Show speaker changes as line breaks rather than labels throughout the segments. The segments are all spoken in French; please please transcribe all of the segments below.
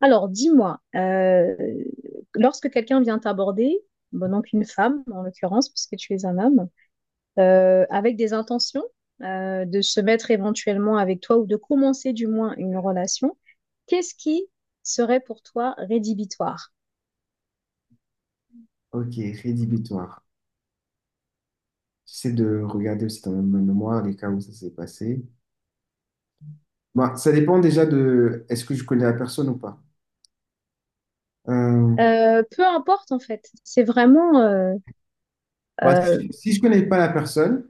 Alors, dis-moi, lorsque quelqu'un vient t'aborder, bon, donc une femme en l'occurrence, puisque tu es un homme, avec des intentions de se mettre éventuellement avec toi ou de commencer du moins une relation, qu'est-ce qui serait pour toi rédhibitoire?
Ok, rédhibitoire. J'essaie de regarder aussi dans ma mémoire les cas où ça s'est passé. Bah, ça dépend déjà de est-ce que je connais la personne ou pas. Euh,
Peu importe en fait, c'est vraiment. Euh,
si je connais pas la personne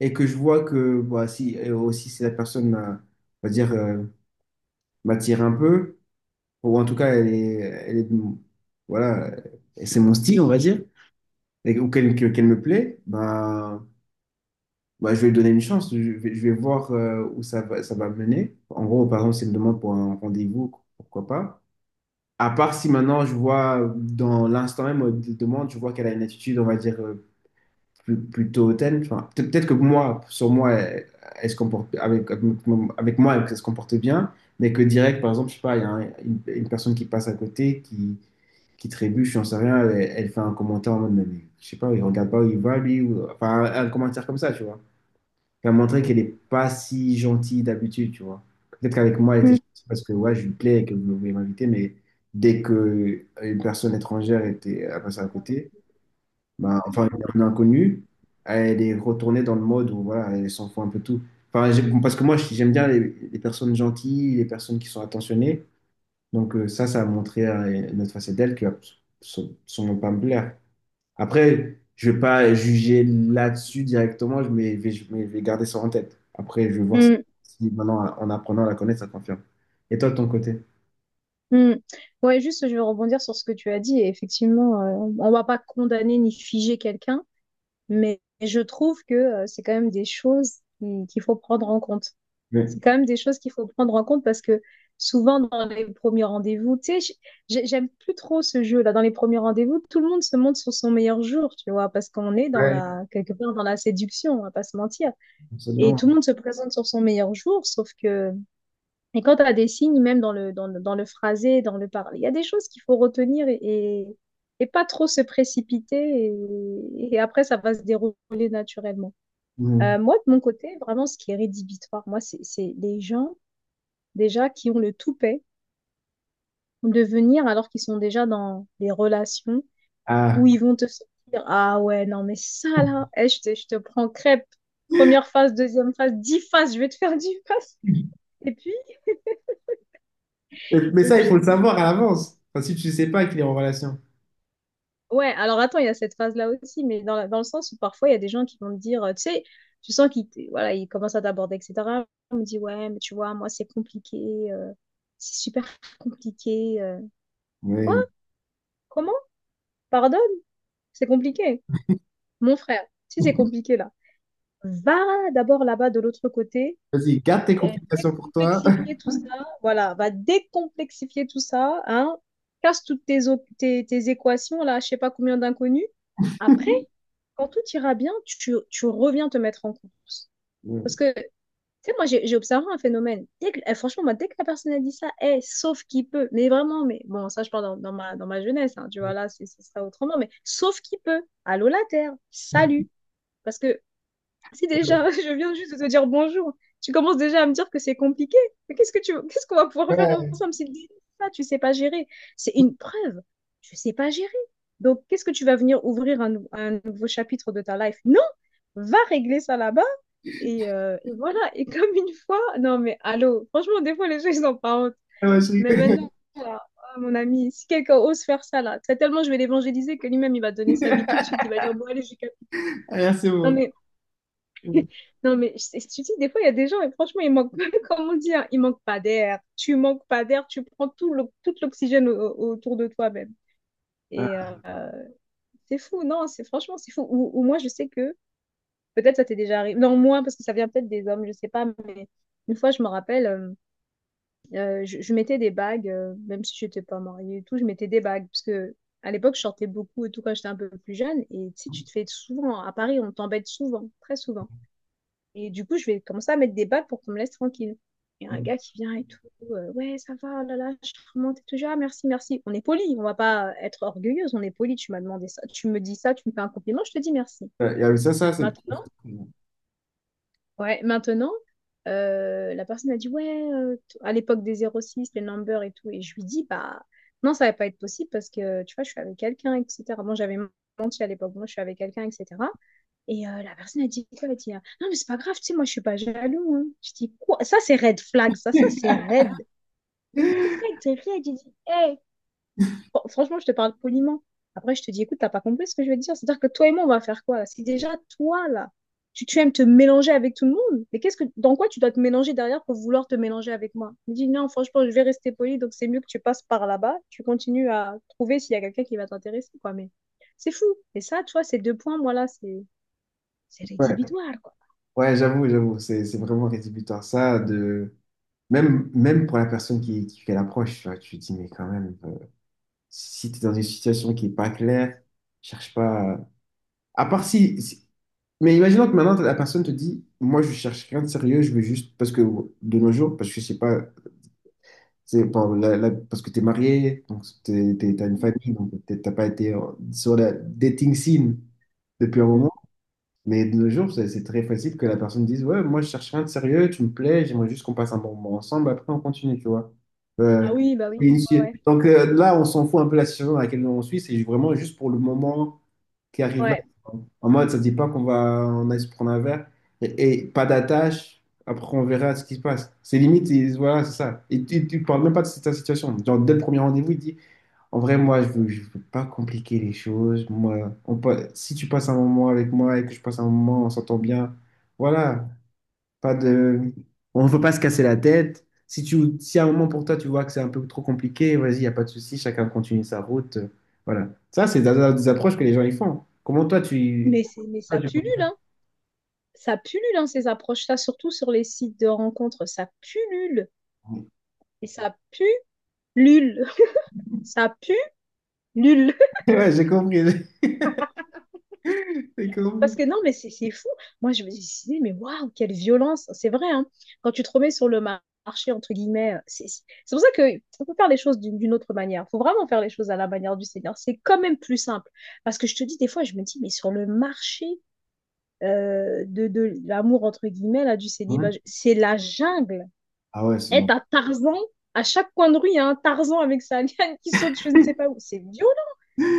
et que je vois que bah, si, et aussi si la personne on va dire, m'attire un peu, ou en tout cas elle est de voilà, c'est mon style, on va dire, et, ou qu'elle me plaît, bah, je vais lui donner une chance. Je vais voir où ça va mener. En gros, par exemple, s'il me demande pour un rendez-vous, pourquoi pas. À part si maintenant je vois dans l'instant même de demande, je vois qu'elle a une attitude, on va dire, plutôt hautaine. Enfin, peut-être que moi, sur moi, elle, elle se comporte avec moi, elle se comporte bien, mais que direct, par exemple, je sais pas, il y a une personne qui passe à côté, qui trébuche, j'en sais rien, elle, elle fait un commentaire en mode, mais je sais pas, il regarde pas où il va, lui, ou, enfin, un commentaire comme ça, tu vois. Elle a montré qu'elle n'est pas si gentille d'habitude, tu vois. Peut-être qu'avec moi, elle était
mm,
gentille parce que ouais, je lui plais et que vous voulez m'inviter, mais dès que une personne étrangère était à passer à côté, bah, enfin, une inconnue, elle est retournée dans le mode où voilà, elle s'en fout un peu de tout. Enfin, parce que moi, j'aime bien les personnes gentilles, les personnes qui sont attentionnées. Donc ça, ça a montré une autre facette d'elle qui va s- sûrement pas me plaire. Après, je vais pas juger là-dessus directement, je mais je vais garder ça en tête. Après, je vais voir si,
mm,
si maintenant, en apprenant à la connaître, ça confirme. Et toi, de ton côté?
mm. Ouais, juste je vais rebondir sur ce que tu as dit et effectivement, on ne va pas condamner ni figer quelqu'un. Mais je trouve que c'est quand même des choses qu'il faut prendre en compte. C'est
Oui.
quand même des choses qu'il faut prendre en compte parce que souvent dans les premiers rendez-vous, tu sais, j'aime plus trop ce jeu-là. Dans les premiers rendez-vous, tout le monde se montre sur son meilleur jour, tu vois, parce qu'on est dans
Ouais,
la, quelque part dans la séduction, on va pas se mentir. Et tout le
absolument.
monde se présente sur son meilleur jour, sauf que et quand tu as des signes, même dans le phrasé, dans le parler, il y a des choses qu'il faut retenir, et pas trop se précipiter. Et après, ça va se dérouler naturellement.
Mhm.
Moi, de mon côté, vraiment, ce qui est rédhibitoire, moi, c'est les gens déjà qui ont le toupet de venir alors qu'ils sont déjà dans des relations où
Ah.
ils vont te dire, « Ah ouais, non, mais ça là, eh, je te prends crêpe. Première phase, deuxième phase, 10 phases, je vais te faire 10 phases. » Et puis,
Mais
et
ça, il
puis
faut le savoir à l'avance. Enfin, si tu ne sais pas qu'il est en relation.
ouais, alors attends, il y a cette phase-là aussi, mais dans le sens où parfois il y a des gens qui vont te dire, tu sais, tu sens voilà, ils commencent à t'aborder, etc. On me dit, ouais, mais tu vois, moi c'est compliqué, c'est super compliqué. Quoi?
Oui.
Comment? Pardonne? C'est compliqué. Mon frère, si c'est compliqué là, va d'abord là-bas de l'autre côté,
Vas-y, garde tes
et
complications pour toi.
décomplexifier tout ça, voilà, va décomplexifier tout ça, hein, casse toutes tes équations là, je sais pas combien d'inconnus. Après, quand tout ira bien, tu reviens te mettre en course. Parce
Oui.
que, tu sais, moi, j'ai observé un phénomène. Eh, franchement, moi, dès que la personne a dit ça, eh, sauf qui peut, mais vraiment, mais bon, ça, je parle dans ma jeunesse, hein, tu vois, là, ce sera autrement, mais sauf qui peut, allô la terre, salut. Parce que si déjà, je viens juste de te dire bonjour, tu commences déjà à me dire que c'est compliqué, mais qu'est-ce que tu, qu'est-ce qu'on va pouvoir faire
Ouais,
ensemble si tu ça, tu sais pas gérer? C'est une preuve, tu sais pas gérer. Donc, qu'est-ce que tu vas venir ouvrir un nouveau chapitre de ta life? Va régler ça là-bas. Et voilà, et comme une fois, non mais allô, franchement, des fois les gens, ils n'ont pas honte.
ouais, je
Mais
rigole.
maintenant, là, ah, mon ami, si quelqu'un ose faire ça là, c'est tellement je vais l'évangéliser que lui-même, il va donner sa vie tout de suite, il va dire, bon, allez, j'ai capté.
Ah, c'est
Non
beau.
mais,
Ouais.
non mais, tu dis, des fois, il y a des gens, et franchement, ils manquent, comme on dit, hein, ils manquent pas d'air. Tu manques pas d'air, tu prends tout l'oxygène autour de toi-même. Et euh, c'est fou, non, c'est franchement, c'est fou. Ou moi, je sais que. Peut-être ça t'est déjà arrivé. Non, moins, parce que ça vient peut-être des hommes, je sais pas. Mais une fois, je me rappelle, je mettais des bagues, même si je n'étais pas mariée et tout, je mettais des bagues. Parce que à l'époque, je sortais beaucoup et tout quand j'étais un peu plus jeune. Et tu sais, tu te fais souvent, à Paris, on t'embête souvent, très souvent. Et du coup, je vais commencer à mettre des bagues pour qu'on me laisse tranquille. Il y a un gars qui vient et tout, ouais, ça va, oh là là, je remonte et tout, ah, merci, merci. On est poli, on va pas être orgueilleuse, on est poli, tu m'as demandé ça, tu me dis ça, tu me fais un compliment, je te dis merci.
Ouais, ça, ça, c'est…
Maintenant, Ouais, maintenant, la personne a dit, ouais, à l'époque des 06 les numbers et tout. Et je lui dis, bah, non, ça va pas être possible parce que, tu vois, je suis avec quelqu'un, etc. Bon, j'avais menti à l'époque, moi, je suis avec quelqu'un, etc. La personne a dit quoi? Elle a dit, ah, non, mais c'est pas grave, tu sais, moi, je suis pas jaloux, hein. Je dis, quoi? Ça, c'est red flag, ça, c'est red. Mais direct, red, j'ai dit, hé, franchement, je te parle poliment. Après, je te dis, écoute, t'as pas compris ce que je veux te dire. C'est-à-dire que toi et moi, on va faire quoi là? Si déjà, toi, là, tu aimes te mélanger avec tout le monde, mais qu'est-ce que, dans quoi tu dois te mélanger derrière pour vouloir te mélanger avec moi? Je me dis, non, franchement, je vais rester poli, donc c'est mieux que tu passes par là-bas, tu continues à trouver s'il y a quelqu'un qui va t'intéresser, quoi. Mais c'est fou. Et ça, tu vois, ces deux points, moi, là, c'est
Ouais,
rédhibitoire, quoi.
ouais, j'avoue, c'est vraiment rédhibitoire. Ça, de… Même, même pour la personne qui fait l'approche, tu vois, tu te dis, mais quand même, si tu es dans une situation qui n'est pas claire, cherche pas. À part si. Mais imaginons que maintenant, la personne te dit, moi, je cherche rien de sérieux, je veux juste. Parce que de nos jours, parce que je sais pas, c'est bon, parce que tu es marié, donc tu as une
Mm,
famille, donc peut-être t'as pas été sur la dating scene depuis un
mm.
moment. Mais de nos jours, c'est très facile que la personne dise, ouais, moi je cherche rien de sérieux, tu me plais, j'aimerais juste qu'on passe un bon moment ensemble, après on continue, tu vois.
Ah
Euh,
oui, bah oui.
et
Ouais, ouais.
donc là, on s'en fout un peu de la situation dans laquelle on suit, c'est vraiment juste pour le moment qui arrive là.
Ouais.
En mode, ça ne dit pas qu'on va on aille se prendre un verre et pas d'attache, après on verra ce qui se passe. C'est limite, et voilà, c'est ça. Et tu ne parles même pas de ta situation. Genre, dès le premier rendez-vous, il dit, en vrai, moi, je veux pas compliquer les choses. Moi, on peut, si tu passes un moment avec moi et que je passe un moment, on s'entend bien. Voilà, pas de, on veut pas se casser la tête. Si tu, si à un moment pour toi, tu vois que c'est un peu trop compliqué, vas-y, y a pas de souci, chacun continue sa route. Voilà. Ça, c'est des approches que les gens ils font. Comment toi, tu…
Mais ça pullule, hein. Ça pullule, hein, ces approches-là, surtout sur les sites de rencontres, ça pullule. Et ça pue l'ul. Ça pue l'ul.
Ouais, j'ai compris, j'ai compris.
Parce que non, mais c'est fou. Moi, je me disais, mais waouh, quelle violence. C'est vrai, hein. Quand tu te remets sur le marché, entre guillemets, c'est pour ça que on peut faire les choses d'une autre manière. Il faut vraiment faire les choses à la manière du Seigneur. C'est quand même plus simple. Parce que je te dis, des fois, je me dis, mais sur le marché de l'amour, entre guillemets, là, du célibat,
Hein.
c'est la jungle.
Ah ouais, c'est
Être
non.
à Tarzan, à chaque coin de rue, il y a un Tarzan avec sa liane qui saute, je ne sais pas où. C'est violent.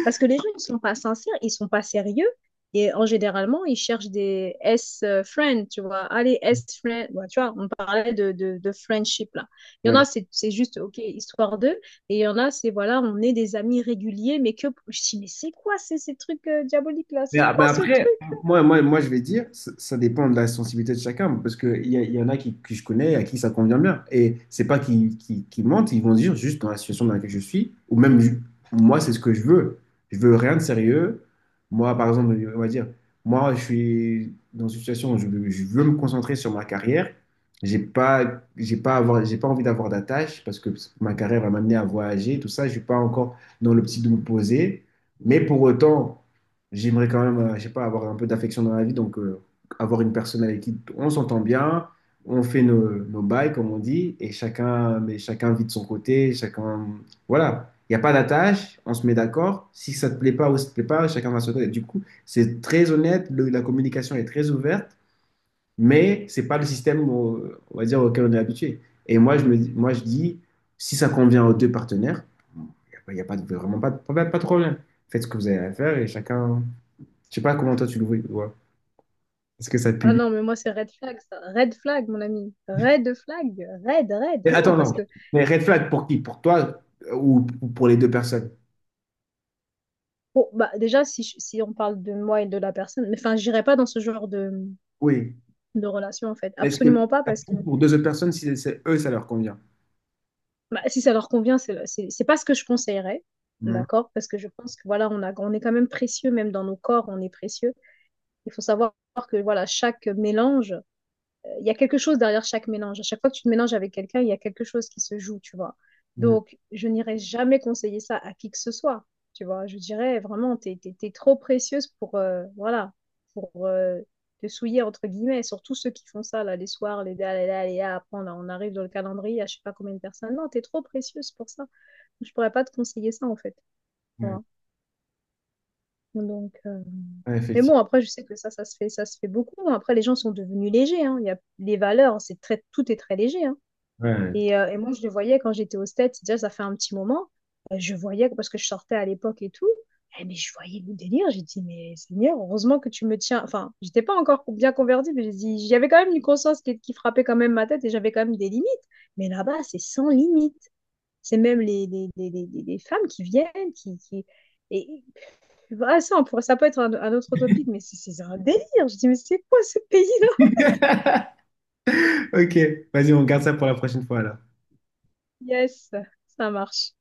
Parce que les gens, ils sont pas sincères, ils sont pas sérieux. Et en généralement, ils cherchent des S-friends, tu vois. Allez, S-friends. Ouais, tu vois, on parlait de friendship, là. Il y en a, c'est juste, OK, histoire d'eux. Et il y en a, c'est, voilà, on est des amis réguliers, mais que... Je dis, mais c'est quoi ces trucs diaboliques, là? C'est
Ah, mais
quoi ce
après,
truc?
moi, je vais dire, ça dépend de la sensibilité de chacun, parce qu'il y, il y en a qui, que je connais à qui ça convient bien. Et c'est pas qu'ils mentent, ils vont dire juste dans la situation dans laquelle je suis, ou même moi, c'est ce que je veux. Je veux rien de sérieux. Moi, par exemple, on va dire, moi, je suis dans une situation où je veux me concentrer sur ma carrière. J'ai pas à avoir, j'ai pas envie d'avoir d'attache parce que ma carrière va m'amener à voyager, tout ça. Je suis pas encore dans l'optique de me poser. Mais pour autant, j'aimerais quand même, je sais pas, avoir un peu d'affection dans la vie, donc avoir une personne avec qui on s'entend bien, on fait nos, nos bails, comme on dit, et chacun, mais chacun vit de son côté, chacun, voilà. Il n'y a pas d'attache, on se met d'accord. Si ça te plaît pas ou ça te plaît pas, chacun va se dire. Du coup, c'est très honnête, la communication est très ouverte, mais c'est pas le système, on va dire, auquel on est habitué. Et moi, moi, je dis, si ça convient aux deux partenaires, il n'y a, pas- y a pas vraiment pas de problème. Faites ce que vous avez à faire et chacun. Je sais pas comment toi tu le vois. Tu vois. Est-ce que ça te
Ah
punit?
non, mais moi, c'est red flag, ça. Red flag, mon ami. Red flag. Red, red.
Mais
Non,
attends,
parce
non.
que...
Mais red flag pour qui? Pour toi ou pour les deux personnes?
Bon, bah, déjà, si, si on parle de moi et de la personne... Mais enfin, j'irai pas dans ce genre de
Oui.
de relation, en fait.
Est-ce que
Absolument pas,
ça
parce que
compte pour deux autres personnes, si c'est eux, ça leur convient?
bah, si ça leur convient, c'est pas ce que je conseillerais,
Mhm.
d'accord? Parce que je pense que, voilà, on est quand même précieux, même dans nos corps, on est précieux. Il faut savoir que, voilà, chaque mélange il y a quelque chose derrière chaque mélange. À chaque fois que tu te mélanges avec quelqu'un, il y a quelque chose qui se joue, tu vois. Donc, je n'irai jamais conseiller ça à qui que ce soit, tu vois. Je dirais vraiment, t'es trop précieuse pour, voilà, pour te souiller, entre guillemets, surtout ceux qui font ça, là, les soirs, les là, les là, les là, après, on arrive dans le calendrier à je sais pas combien de personnes. Non, t'es trop précieuse pour ça. Je pourrais pas te conseiller ça, en fait. tu
Mhm.
donc, euh,
Ouais,
Mais
effectivement.
bon, après, je sais que ça se fait, ça se fait beaucoup. Après, les gens sont devenus légers, hein. Il y a les valeurs, c'est très, tout est très léger, hein.
Ouais.
Et moi, je le voyais quand j'étais au States, déjà, ça fait un petit moment. Je voyais, parce que je sortais à l'époque et tout. Eh, mais je voyais le délire. J'ai dit, mais Seigneur, heureusement que tu me tiens. Enfin, j'étais pas encore bien convertie, mais j'ai dit, j'avais quand même une conscience qui frappait quand même ma tête et j'avais quand même des limites. Mais là-bas, c'est sans limite. C'est même les femmes qui viennent. Et je fais, ah, ça, ça peut être un autre topic, mais c'est un délire. Je dis, mais c'est quoi ce pays-là?
Ok, vas-y, on garde ça pour la prochaine fois alors.
Yes, ça marche.